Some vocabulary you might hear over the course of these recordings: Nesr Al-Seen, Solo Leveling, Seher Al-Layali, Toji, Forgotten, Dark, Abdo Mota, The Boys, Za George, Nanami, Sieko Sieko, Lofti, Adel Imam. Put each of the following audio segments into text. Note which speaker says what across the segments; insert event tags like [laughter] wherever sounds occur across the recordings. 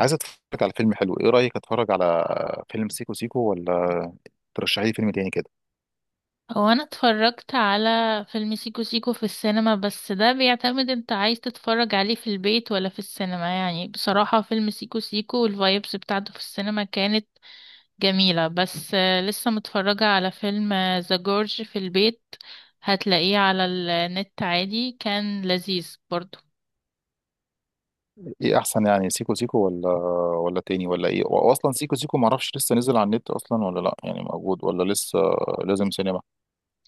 Speaker 1: عايز اتفرج على فيلم حلو، ايه رايك اتفرج على فيلم سيكو سيكو ولا ترشحي لي فيلم تاني كده؟
Speaker 2: هو انا اتفرجت على فيلم سيكو سيكو في السينما، بس ده بيعتمد انت عايز تتفرج عليه في البيت ولا في السينما. يعني بصراحة فيلم سيكو سيكو والفايبس بتاعته في السينما كانت جميلة، بس لسه متفرجة على فيلم ذا جورج في البيت. هتلاقيه على النت عادي، كان لذيذ برضو.
Speaker 1: ايه احسن، يعني سيكو سيكو ولا ولا تاني ولا ايه؟ واصلا سيكو سيكو ما اعرفش لسه نزل على النت اصلا ولا لا، يعني موجود ولا لسه لازم سينما؟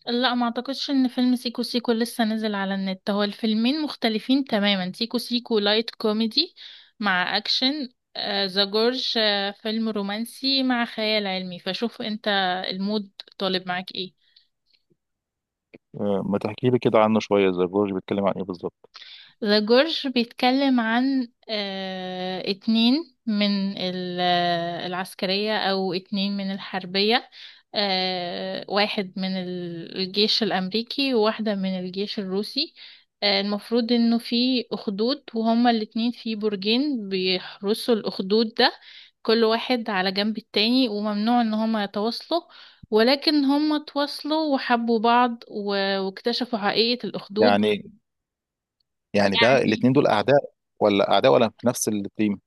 Speaker 2: لا، ما اعتقدش ان فيلم سيكو سيكو لسه نزل على النت. هو الفيلمين مختلفين تماما، سيكو سيكو لايت كوميدي مع اكشن. ذا جورج فيلم رومانسي مع خيال علمي، فشوف انت المود طالب معاك ايه.
Speaker 1: ما تحكي لي كده عنه شويه، زي جورج بيتكلم عن ايه بالظبط؟
Speaker 2: ذا جورج بيتكلم عن اتنين من العسكرية، أو اتنين من الحربية. واحد من الجيش الأمريكي، وواحدة من الجيش الروسي. المفروض إنه في أخدود، وهما الاتنين في برجين بيحرسوا الأخدود ده، كل واحد على جنب التاني، وممنوع إن هما يتواصلوا. ولكن هما تواصلوا وحبوا بعض واكتشفوا حقيقة الأخدود.
Speaker 1: يعني يعني ده
Speaker 2: يعني
Speaker 1: الاتنين دول اعداء ولا اعداء ولا في نفس التيم؟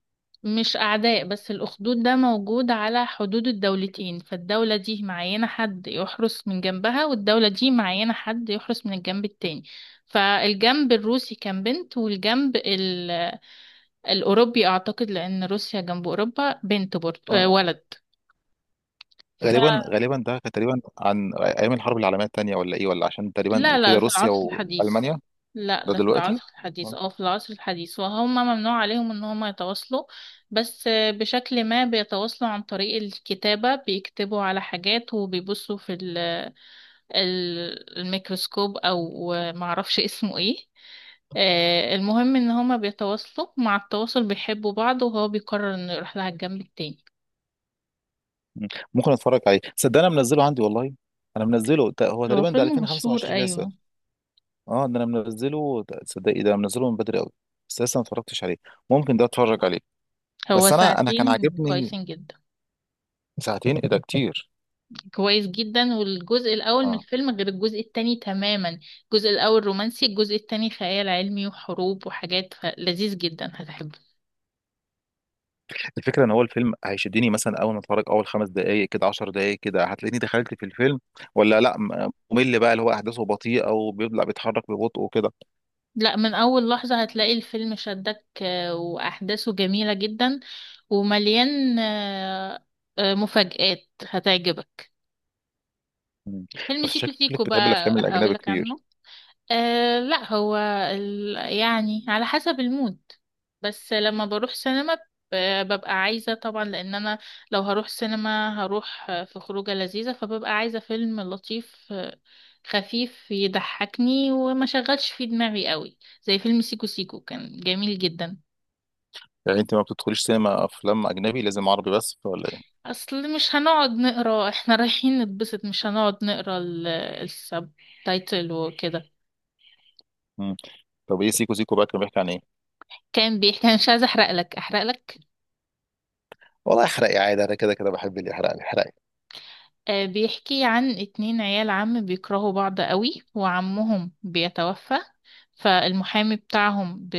Speaker 2: مش أعداء، بس الأخدود ده موجود على حدود الدولتين، فالدولة دي معينة حد يحرس من جنبها، والدولة دي معينة حد يحرس من الجنب التاني. فالجنب الروسي كان بنت، والجنب الأوروبي أعتقد، لأن روسيا جنب أوروبا، بنت برضه
Speaker 1: آه،
Speaker 2: ولد.
Speaker 1: غالبا غالبا ده كان تقريبا عن ايام الحرب العالميه الثانيه ولا ايه، ولا عشان تقريبا
Speaker 2: لا لا،
Speaker 1: كده
Speaker 2: في
Speaker 1: روسيا
Speaker 2: العصر الحديث.
Speaker 1: والمانيا؟
Speaker 2: لا،
Speaker 1: ده
Speaker 2: ده في
Speaker 1: دلوقتي.
Speaker 2: العصر الحديث، اه، في العصر الحديث، وهم ممنوع عليهم ان هم يتواصلوا. بس بشكل ما بيتواصلوا عن طريق الكتابة، بيكتبوا على حاجات وبيبصوا في الميكروسكوب او معرفش اسمه ايه. المهم ان هما بيتواصلوا، مع التواصل بيحبوا بعض، وهو بيقرر انه يروح لها الجنب التاني.
Speaker 1: مم. ممكن اتفرج عليه، صدق انا منزله عندي والله. انا منزله هو
Speaker 2: هو
Speaker 1: تقريبا ده
Speaker 2: فيلم مشهور،
Speaker 1: 2025 لسه.
Speaker 2: ايوه.
Speaker 1: اه ده انا منزله تصدقي ده أنا منزله من بدري قوي، بس لسه ما اتفرجتش عليه. ممكن ده اتفرج عليه.
Speaker 2: هو
Speaker 1: بس انا كان
Speaker 2: ساعتين
Speaker 1: عاجبني.
Speaker 2: كويسين جدا.
Speaker 1: ساعتين ايه ده كتير!
Speaker 2: كويس جدا، والجزء الأول من
Speaker 1: اه
Speaker 2: الفيلم غير الجزء التاني تماما. الجزء الأول رومانسي، الجزء التاني خيال علمي وحروب وحاجات، لذيذ جدا، هتحبه.
Speaker 1: الفكره ان هو الفيلم هيشدني مثلا، اول ما اتفرج اول 5 دقائق كده، 10 دقائق كده هتلاقيني دخلت في الفيلم، ولا لا ممل بقى اللي هو احداثه بطيئه وبيبدا بيتحرك ببطء وكده؟
Speaker 2: لا، من أول لحظة هتلاقي الفيلم شدك، وأحداثه جميلة جدا ومليان مفاجآت هتعجبك.
Speaker 1: مم.
Speaker 2: فيلم
Speaker 1: بس
Speaker 2: سيكو
Speaker 1: شكلك
Speaker 2: سيكو
Speaker 1: بتحب
Speaker 2: بقى
Speaker 1: الافلام الاجنبي
Speaker 2: هقولك
Speaker 1: كتير.
Speaker 2: عنه. أه لا، هو يعني على حسب المود. بس لما بروح سينما، ببقى عايزة طبعا، لأن أنا لو هروح سينما هروح في خروجة لذيذة، فببقى عايزة فيلم لطيف خفيف يضحكني وما شغلش فيه دماغي قوي، زي فيلم سيكو سيكو. كان جميل جدا.
Speaker 1: يعني انت ما بتدخليش سينما افلام اجنبي، لازم عربي بس ولا إيه؟
Speaker 2: أصل مش هنقعد نقرا [laughs] احنا رايحين نتبسط، مش هنقعد نقرا السب تايتل وكده.
Speaker 1: مم. طب ايه سيكو سيكو بقى كان بيحكي عن ايه؟
Speaker 2: كان بيحكي، أنا مش عايزة أحرق لك.
Speaker 1: والله احرقي عادي، انا كده كده بحب اللي يحرق لي، احرقي.
Speaker 2: بيحكي عن اتنين عيال عم بيكرهوا بعض قوي، وعمهم بيتوفى. فالمحامي بتاعهم،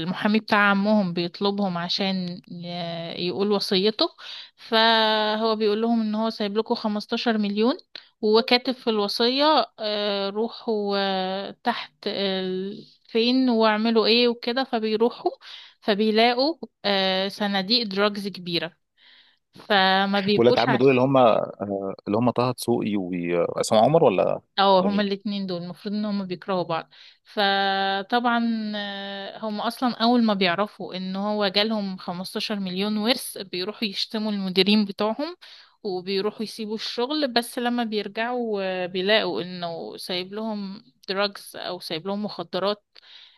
Speaker 2: المحامي بتاع عمهم بيطلبهم عشان يقول وصيته. فهو بيقول لهم ان هو سايب لكم 15 مليون، وكاتب في الوصية روحوا تحت فين، واعملوا ايه وكده. فبيروحوا، فبيلاقوا صناديق دراجز كبيرة، فما
Speaker 1: ولاد
Speaker 2: بيبقوش
Speaker 1: عم دول اللي
Speaker 2: عارفين.
Speaker 1: هم، اللي هم طه دسوقي وعصام عمر، ولا
Speaker 2: اه،
Speaker 1: ولا
Speaker 2: هما
Speaker 1: مين؟
Speaker 2: الاتنين دول المفروض ان هما بيكرهوا بعض. فطبعا هما اصلا اول ما بيعرفوا ان هو جالهم 15 مليون ورث، بيروحوا يشتموا المديرين بتوعهم، وبيروحوا يسيبوا الشغل. بس لما بيرجعوا بيلاقوا انه سايب لهم دراجز، او سايب لهم مخدرات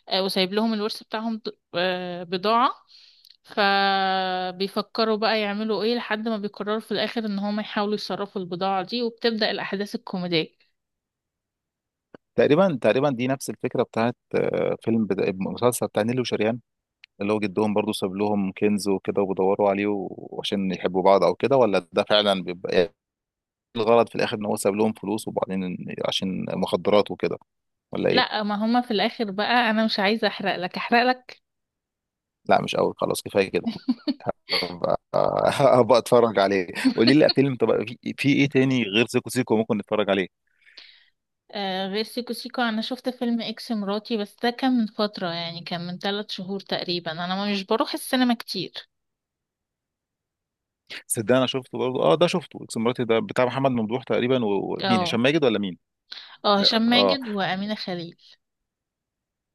Speaker 2: وسايب لهم الورث بتاعهم بضاعة. فبيفكروا بقى يعملوا ايه، لحد ما بيقرروا في الاخر ان هما يحاولوا يصرفوا البضاعة دي، وبتبدأ الاحداث الكوميدية.
Speaker 1: تقريبا تقريبا دي نفس الفكره بتاعت فيلم مسلسل بتاع نيلي وشريان، اللي هو جدهم برضو ساب لهم كنز وكده وبيدوروا عليه وعشان يحبوا بعض او كده، ولا ده فعلا بيبقى إيه الغرض في الاخر؟ ان هو ساب لهم فلوس، وبعدين عشان مخدرات وكده، ولا ايه؟
Speaker 2: لا، ما هما في الاخر بقى، انا مش عايزه احرق لك.
Speaker 1: لا مش قوي، خلاص كفايه كده. آه، [laughs] هبقى اتفرج عليه. قولي لي
Speaker 2: [laughs]
Speaker 1: فيلم، طب في في ايه تاني غير سيكو سيكو ممكن نتفرج عليه؟
Speaker 2: آه، غير سيكو سيكو، انا شفت فيلم اكس مراتي، بس ده كان من فتره، يعني كان من ثلاث شهور تقريبا. انا مش بروح السينما كتير.
Speaker 1: صدق انا شفته برضه، اه ده شفته، اكس مراتي ده بتاع محمد ممدوح تقريبا ومين،
Speaker 2: اه.
Speaker 1: هشام ماجد ولا مين؟
Speaker 2: اه،
Speaker 1: اه
Speaker 2: هشام
Speaker 1: اه.
Speaker 2: ماجد وامينه خليل.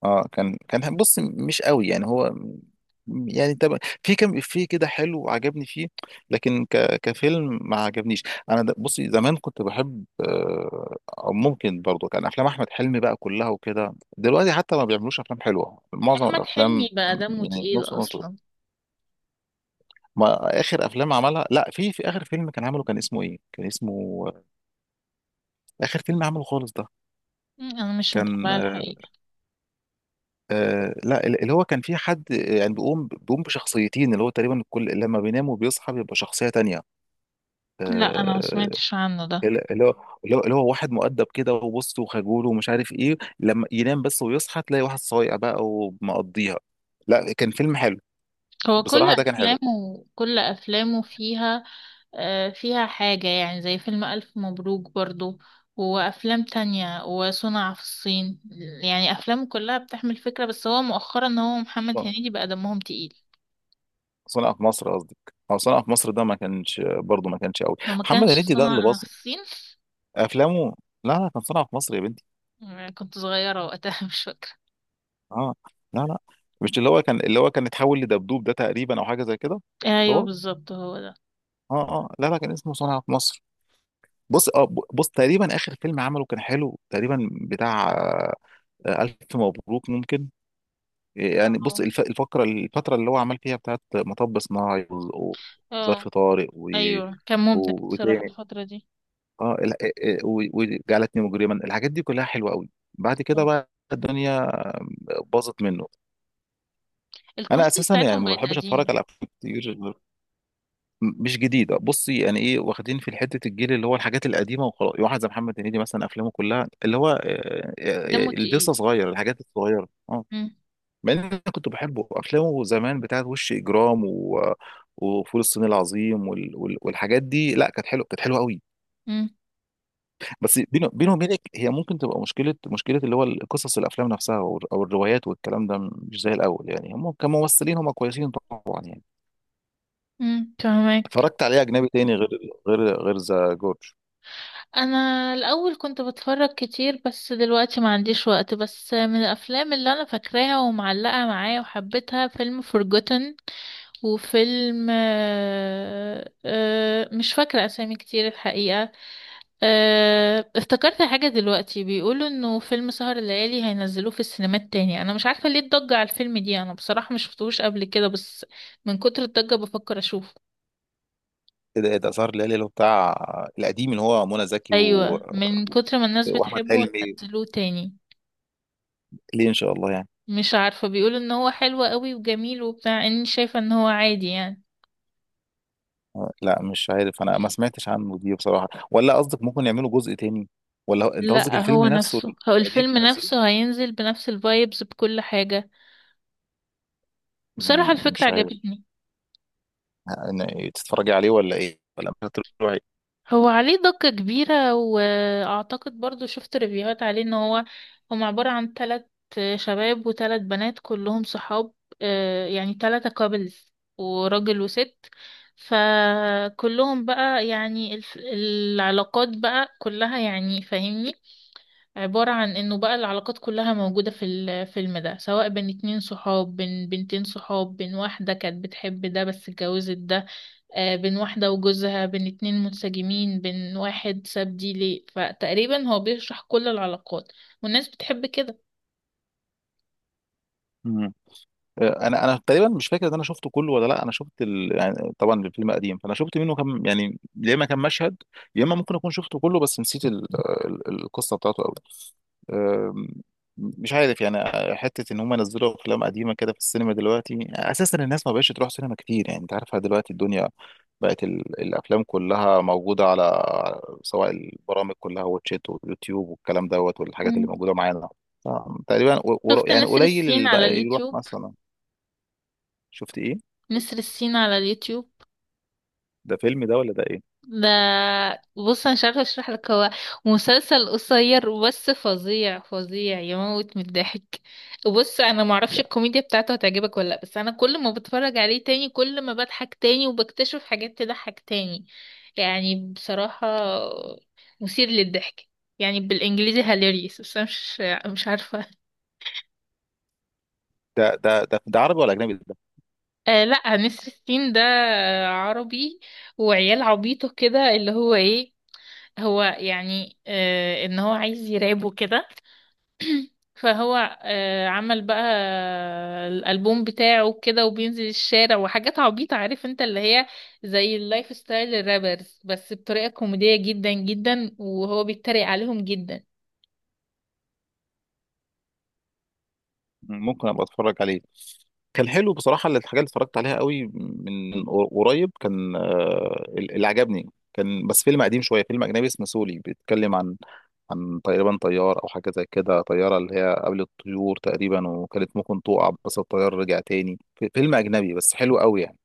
Speaker 1: كان كان بص مش قوي يعني هو، يعني طب في كم في كده حلو عجبني فيه، لكن كفيلم ما عجبنيش. انا بصي زمان كنت بحب، او ممكن برضه كان افلام احمد حلمي بقى كلها وكده، دلوقتي حتى ما بيعملوش افلام حلوه معظم
Speaker 2: احمد حلمي
Speaker 1: الافلام.
Speaker 2: بقى دمه
Speaker 1: يعني
Speaker 2: تقيل
Speaker 1: نص نص.
Speaker 2: اصلا.
Speaker 1: ما اخر افلام عملها، لا في في اخر فيلم كان عمله كان اسمه ايه، كان اسمه اخر فيلم عمله خالص ده،
Speaker 2: مم، انا مش
Speaker 1: كان
Speaker 2: متابعه
Speaker 1: آه.
Speaker 2: الحقيقه.
Speaker 1: لا اللي هو كان فيه حد يعني بيقوم بشخصيتين، اللي هو تقريبا كل لما بينام وبيصحى بيبقى شخصية تانية.
Speaker 2: لا، انا ما
Speaker 1: آه،
Speaker 2: سمعتش عنه ده.
Speaker 1: اللي اللي هو اللي هو اللي هو واحد مؤدب كده وبص وخجول ومش عارف ايه، لما ينام بس ويصحى تلاقي واحد صايع بقى ومقضيها. لا كان فيلم حلو،
Speaker 2: هو كل
Speaker 1: بصراحة ده كان حلو.
Speaker 2: افلامه كل افلامه فيها فيها حاجة، يعني زي فيلم ألف مبروك برضو، وأفلام تانية، وصنع في الصين. يعني أفلام كلها بتحمل فكرة، بس هو مؤخرا إن هو محمد هنيدي بقى دمهم تقيل.
Speaker 1: صنع في مصر قصدي، او صنع في مصر ده ما كانش برضه ما كانش قوي.
Speaker 2: هو ما
Speaker 1: محمد
Speaker 2: كانش
Speaker 1: هنيدي ده اللي
Speaker 2: صنع في
Speaker 1: بص
Speaker 2: الصين.
Speaker 1: افلامه. لا لا كان صنع في مصر يا بنتي.
Speaker 2: كنت صغيرة وقتها [laughs] مش فاكرة.
Speaker 1: اه لا لا، مش اللي هو كان اللي هو كان اتحول لدبدوب، ده تقريبا او حاجه زي كده. مش
Speaker 2: أيوه
Speaker 1: هو؟
Speaker 2: بالظبط، هو ده.
Speaker 1: اه اه لا لا كان اسمه صنع في مصر. بص اه بص تقريبا اخر فيلم عمله كان حلو تقريبا بتاع الف مبروك ممكن، يعني بص
Speaker 2: اه.
Speaker 1: الفقره الفتره اللي هو عمل فيها بتاعت مطب صناعي وظرف
Speaker 2: اه.
Speaker 1: طارق و،
Speaker 2: أيوه، كان مبدع بصراحة
Speaker 1: وتاني
Speaker 2: الفترة دي.
Speaker 1: اه آه، وجعلتني مجرما، الحاجات دي كلها حلوه قوي. بعد كده
Speaker 2: اه،
Speaker 1: بقى الدنيا باظت منه. انا
Speaker 2: الكوميديا
Speaker 1: اساسا يعني
Speaker 2: بتاعتهم
Speaker 1: ما
Speaker 2: بقت
Speaker 1: بحبش اتفرج
Speaker 2: قديمة.
Speaker 1: على افلام كتير مش جديده. بصي، يعني ايه واخدين في حته الجيل اللي هو الحاجات القديمه وخلاص. واحد زي محمد هنيدي مثلا، افلامه كلها اللي هو
Speaker 2: دمه
Speaker 1: اللي
Speaker 2: تقيل.
Speaker 1: لسه صغير الحاجات الصغيره اه.
Speaker 2: مم.
Speaker 1: مع ان انا كنت بحبه، افلامه زمان بتاعت وش اجرام و وفول الصين العظيم والحاجات دي، لا كانت حلوه، كانت حلوه قوي.
Speaker 2: مم.
Speaker 1: بس بينه، بينه وبينك، هي ممكن تبقى مشكله اللي هو قصص الافلام نفسها أو الروايات والكلام ده مش زي الاول، يعني هم كممثلين هم كويسين طبعا يعني.
Speaker 2: مم، فهمك.
Speaker 1: اتفرجت عليه اجنبي تاني غير غير ذا جورج؟
Speaker 2: انا الاول كنت بتفرج كتير، بس دلوقتي ما عنديش وقت. بس من الافلام اللي انا فاكراها ومعلقة معايا وحبيتها، فيلم Forgotten، وفيلم مش فاكرة اسامي كتير الحقيقة. افتكرت حاجة دلوقتي، بيقولوا انه فيلم سهر الليالي هينزلوه في السينمات تاني. انا مش عارفة ليه الضجة على الفيلم دي، انا بصراحة مش شفتهوش قبل كده، بس من كتر الضجة بفكر اشوفه.
Speaker 1: ايه ده، ايه ده سهر الليالي اللي هو بتاع القديم اللي هو منى زكي
Speaker 2: ايوه، من كتر ما الناس
Speaker 1: واحمد
Speaker 2: بتحبه
Speaker 1: حلمي؟
Speaker 2: هينزلوه تاني.
Speaker 1: ليه ان شاء الله يعني؟
Speaker 2: مش عارفة، بيقولوا ان هو حلو قوي وجميل وبتاع، اني شايفة ان هو عادي يعني.
Speaker 1: لا مش عارف، انا ما سمعتش عنه دي بصراحه، ولا قصدك ممكن يعملوا جزء تاني، انت قصدك
Speaker 2: لا،
Speaker 1: الفيلم
Speaker 2: هو
Speaker 1: نفسه
Speaker 2: نفسه، هو
Speaker 1: القديم
Speaker 2: الفيلم
Speaker 1: نزلوه؟
Speaker 2: نفسه هينزل بنفس الفايبز بكل حاجة.
Speaker 1: مم،
Speaker 2: بصراحة الفكرة
Speaker 1: مش عارف.
Speaker 2: عجبتني.
Speaker 1: تتفرجي عليه ولا ايه، ولا مش هتروحي؟
Speaker 2: هو عليه ضجة كبيرة، واعتقد برضو شفت ريفيوهات عليه ان هو هم عبارة عن تلات شباب وتلات بنات كلهم صحاب. يعني تلاتة كابلز، وراجل وست. فكلهم بقى، يعني العلاقات بقى كلها، يعني فاهمني، عبارة عن انه بقى العلاقات كلها موجودة في الفيلم ده، سواء بين اتنين صحاب، بين بنتين صحاب، بين واحدة كانت بتحب ده بس اتجوزت ده، بين واحدة وجوزها، بين اتنين منسجمين، بين واحد ساب دي ليه. فتقريبا هو بيشرح كل العلاقات، والناس بتحب كده.
Speaker 1: انا انا تقريبا مش فاكر ان انا شفته كله ولا لا. انا شفت يعني طبعا الفيلم قديم، فانا شفت منه كم يعني، يا اما كم مشهد يا اما ممكن اكون شفته كله بس نسيت القصه بتاعته قوي. أم، مش عارف يعني حته ان هم نزلوا افلام قديمه كده في السينما دلوقتي. اساسا الناس ما بقتش تروح سينما كتير، يعني انت عارفها دلوقتي الدنيا بقت الافلام كلها موجوده على، سواء البرامج كلها، واتشات واليوتيوب والكلام دوت والحاجات اللي
Speaker 2: مم.
Speaker 1: موجوده معانا. ف- تقريبا
Speaker 2: شفت
Speaker 1: يعني
Speaker 2: نسر
Speaker 1: قليل
Speaker 2: السين
Speaker 1: اللي
Speaker 2: على
Speaker 1: بقى يروح
Speaker 2: اليوتيوب؟
Speaker 1: مثلا. شفت ايه؟
Speaker 2: نسر السين على اليوتيوب
Speaker 1: ده فيلم ده ولا ده ايه؟
Speaker 2: ده، بص انا مش عارفه اشرح لك. هو مسلسل قصير، بس فظيع فظيع، يموت من الضحك. بص انا معرفش
Speaker 1: لا
Speaker 2: الكوميديا بتاعته هتعجبك ولا لا، بس انا كل ما بتفرج عليه تاني، كل ما بضحك تاني، وبكتشف حاجات تضحك تاني. يعني بصراحه مثير للضحك، يعني بالانجليزي هاليريس، بس انا مش عارفه.
Speaker 1: ده ده ده، ده عربي ولا اجنبي ده؟
Speaker 2: آه لا، نسر السين ده عربي، وعيال عبيطه كده، اللي هو ايه، هو يعني ان هو عايز يراب وكده، فهو عمل بقى الالبوم بتاعه كده، وبينزل الشارع وحاجات عبيطة، عارف انت اللي هي زي اللايف ستايل الرابرز، بس بطريقة كوميدية جدا جدا، وهو بيتريق عليهم جدا.
Speaker 1: ممكن ابقى اتفرج عليه. كان حلو بصراحه، الحاجه اللي اتفرجت عليها قوي من من قريب كان اللي عجبني كان بس فيلم قديم شويه، فيلم اجنبي اسمه سولي، بيتكلم عن عن تقريبا طيار او حاجه زي كده، طياره اللي هي قبل الطيور تقريبا وكانت ممكن تقع، بس الطيار رجع تاني فيلم اجنبي بس حلو قوي يعني.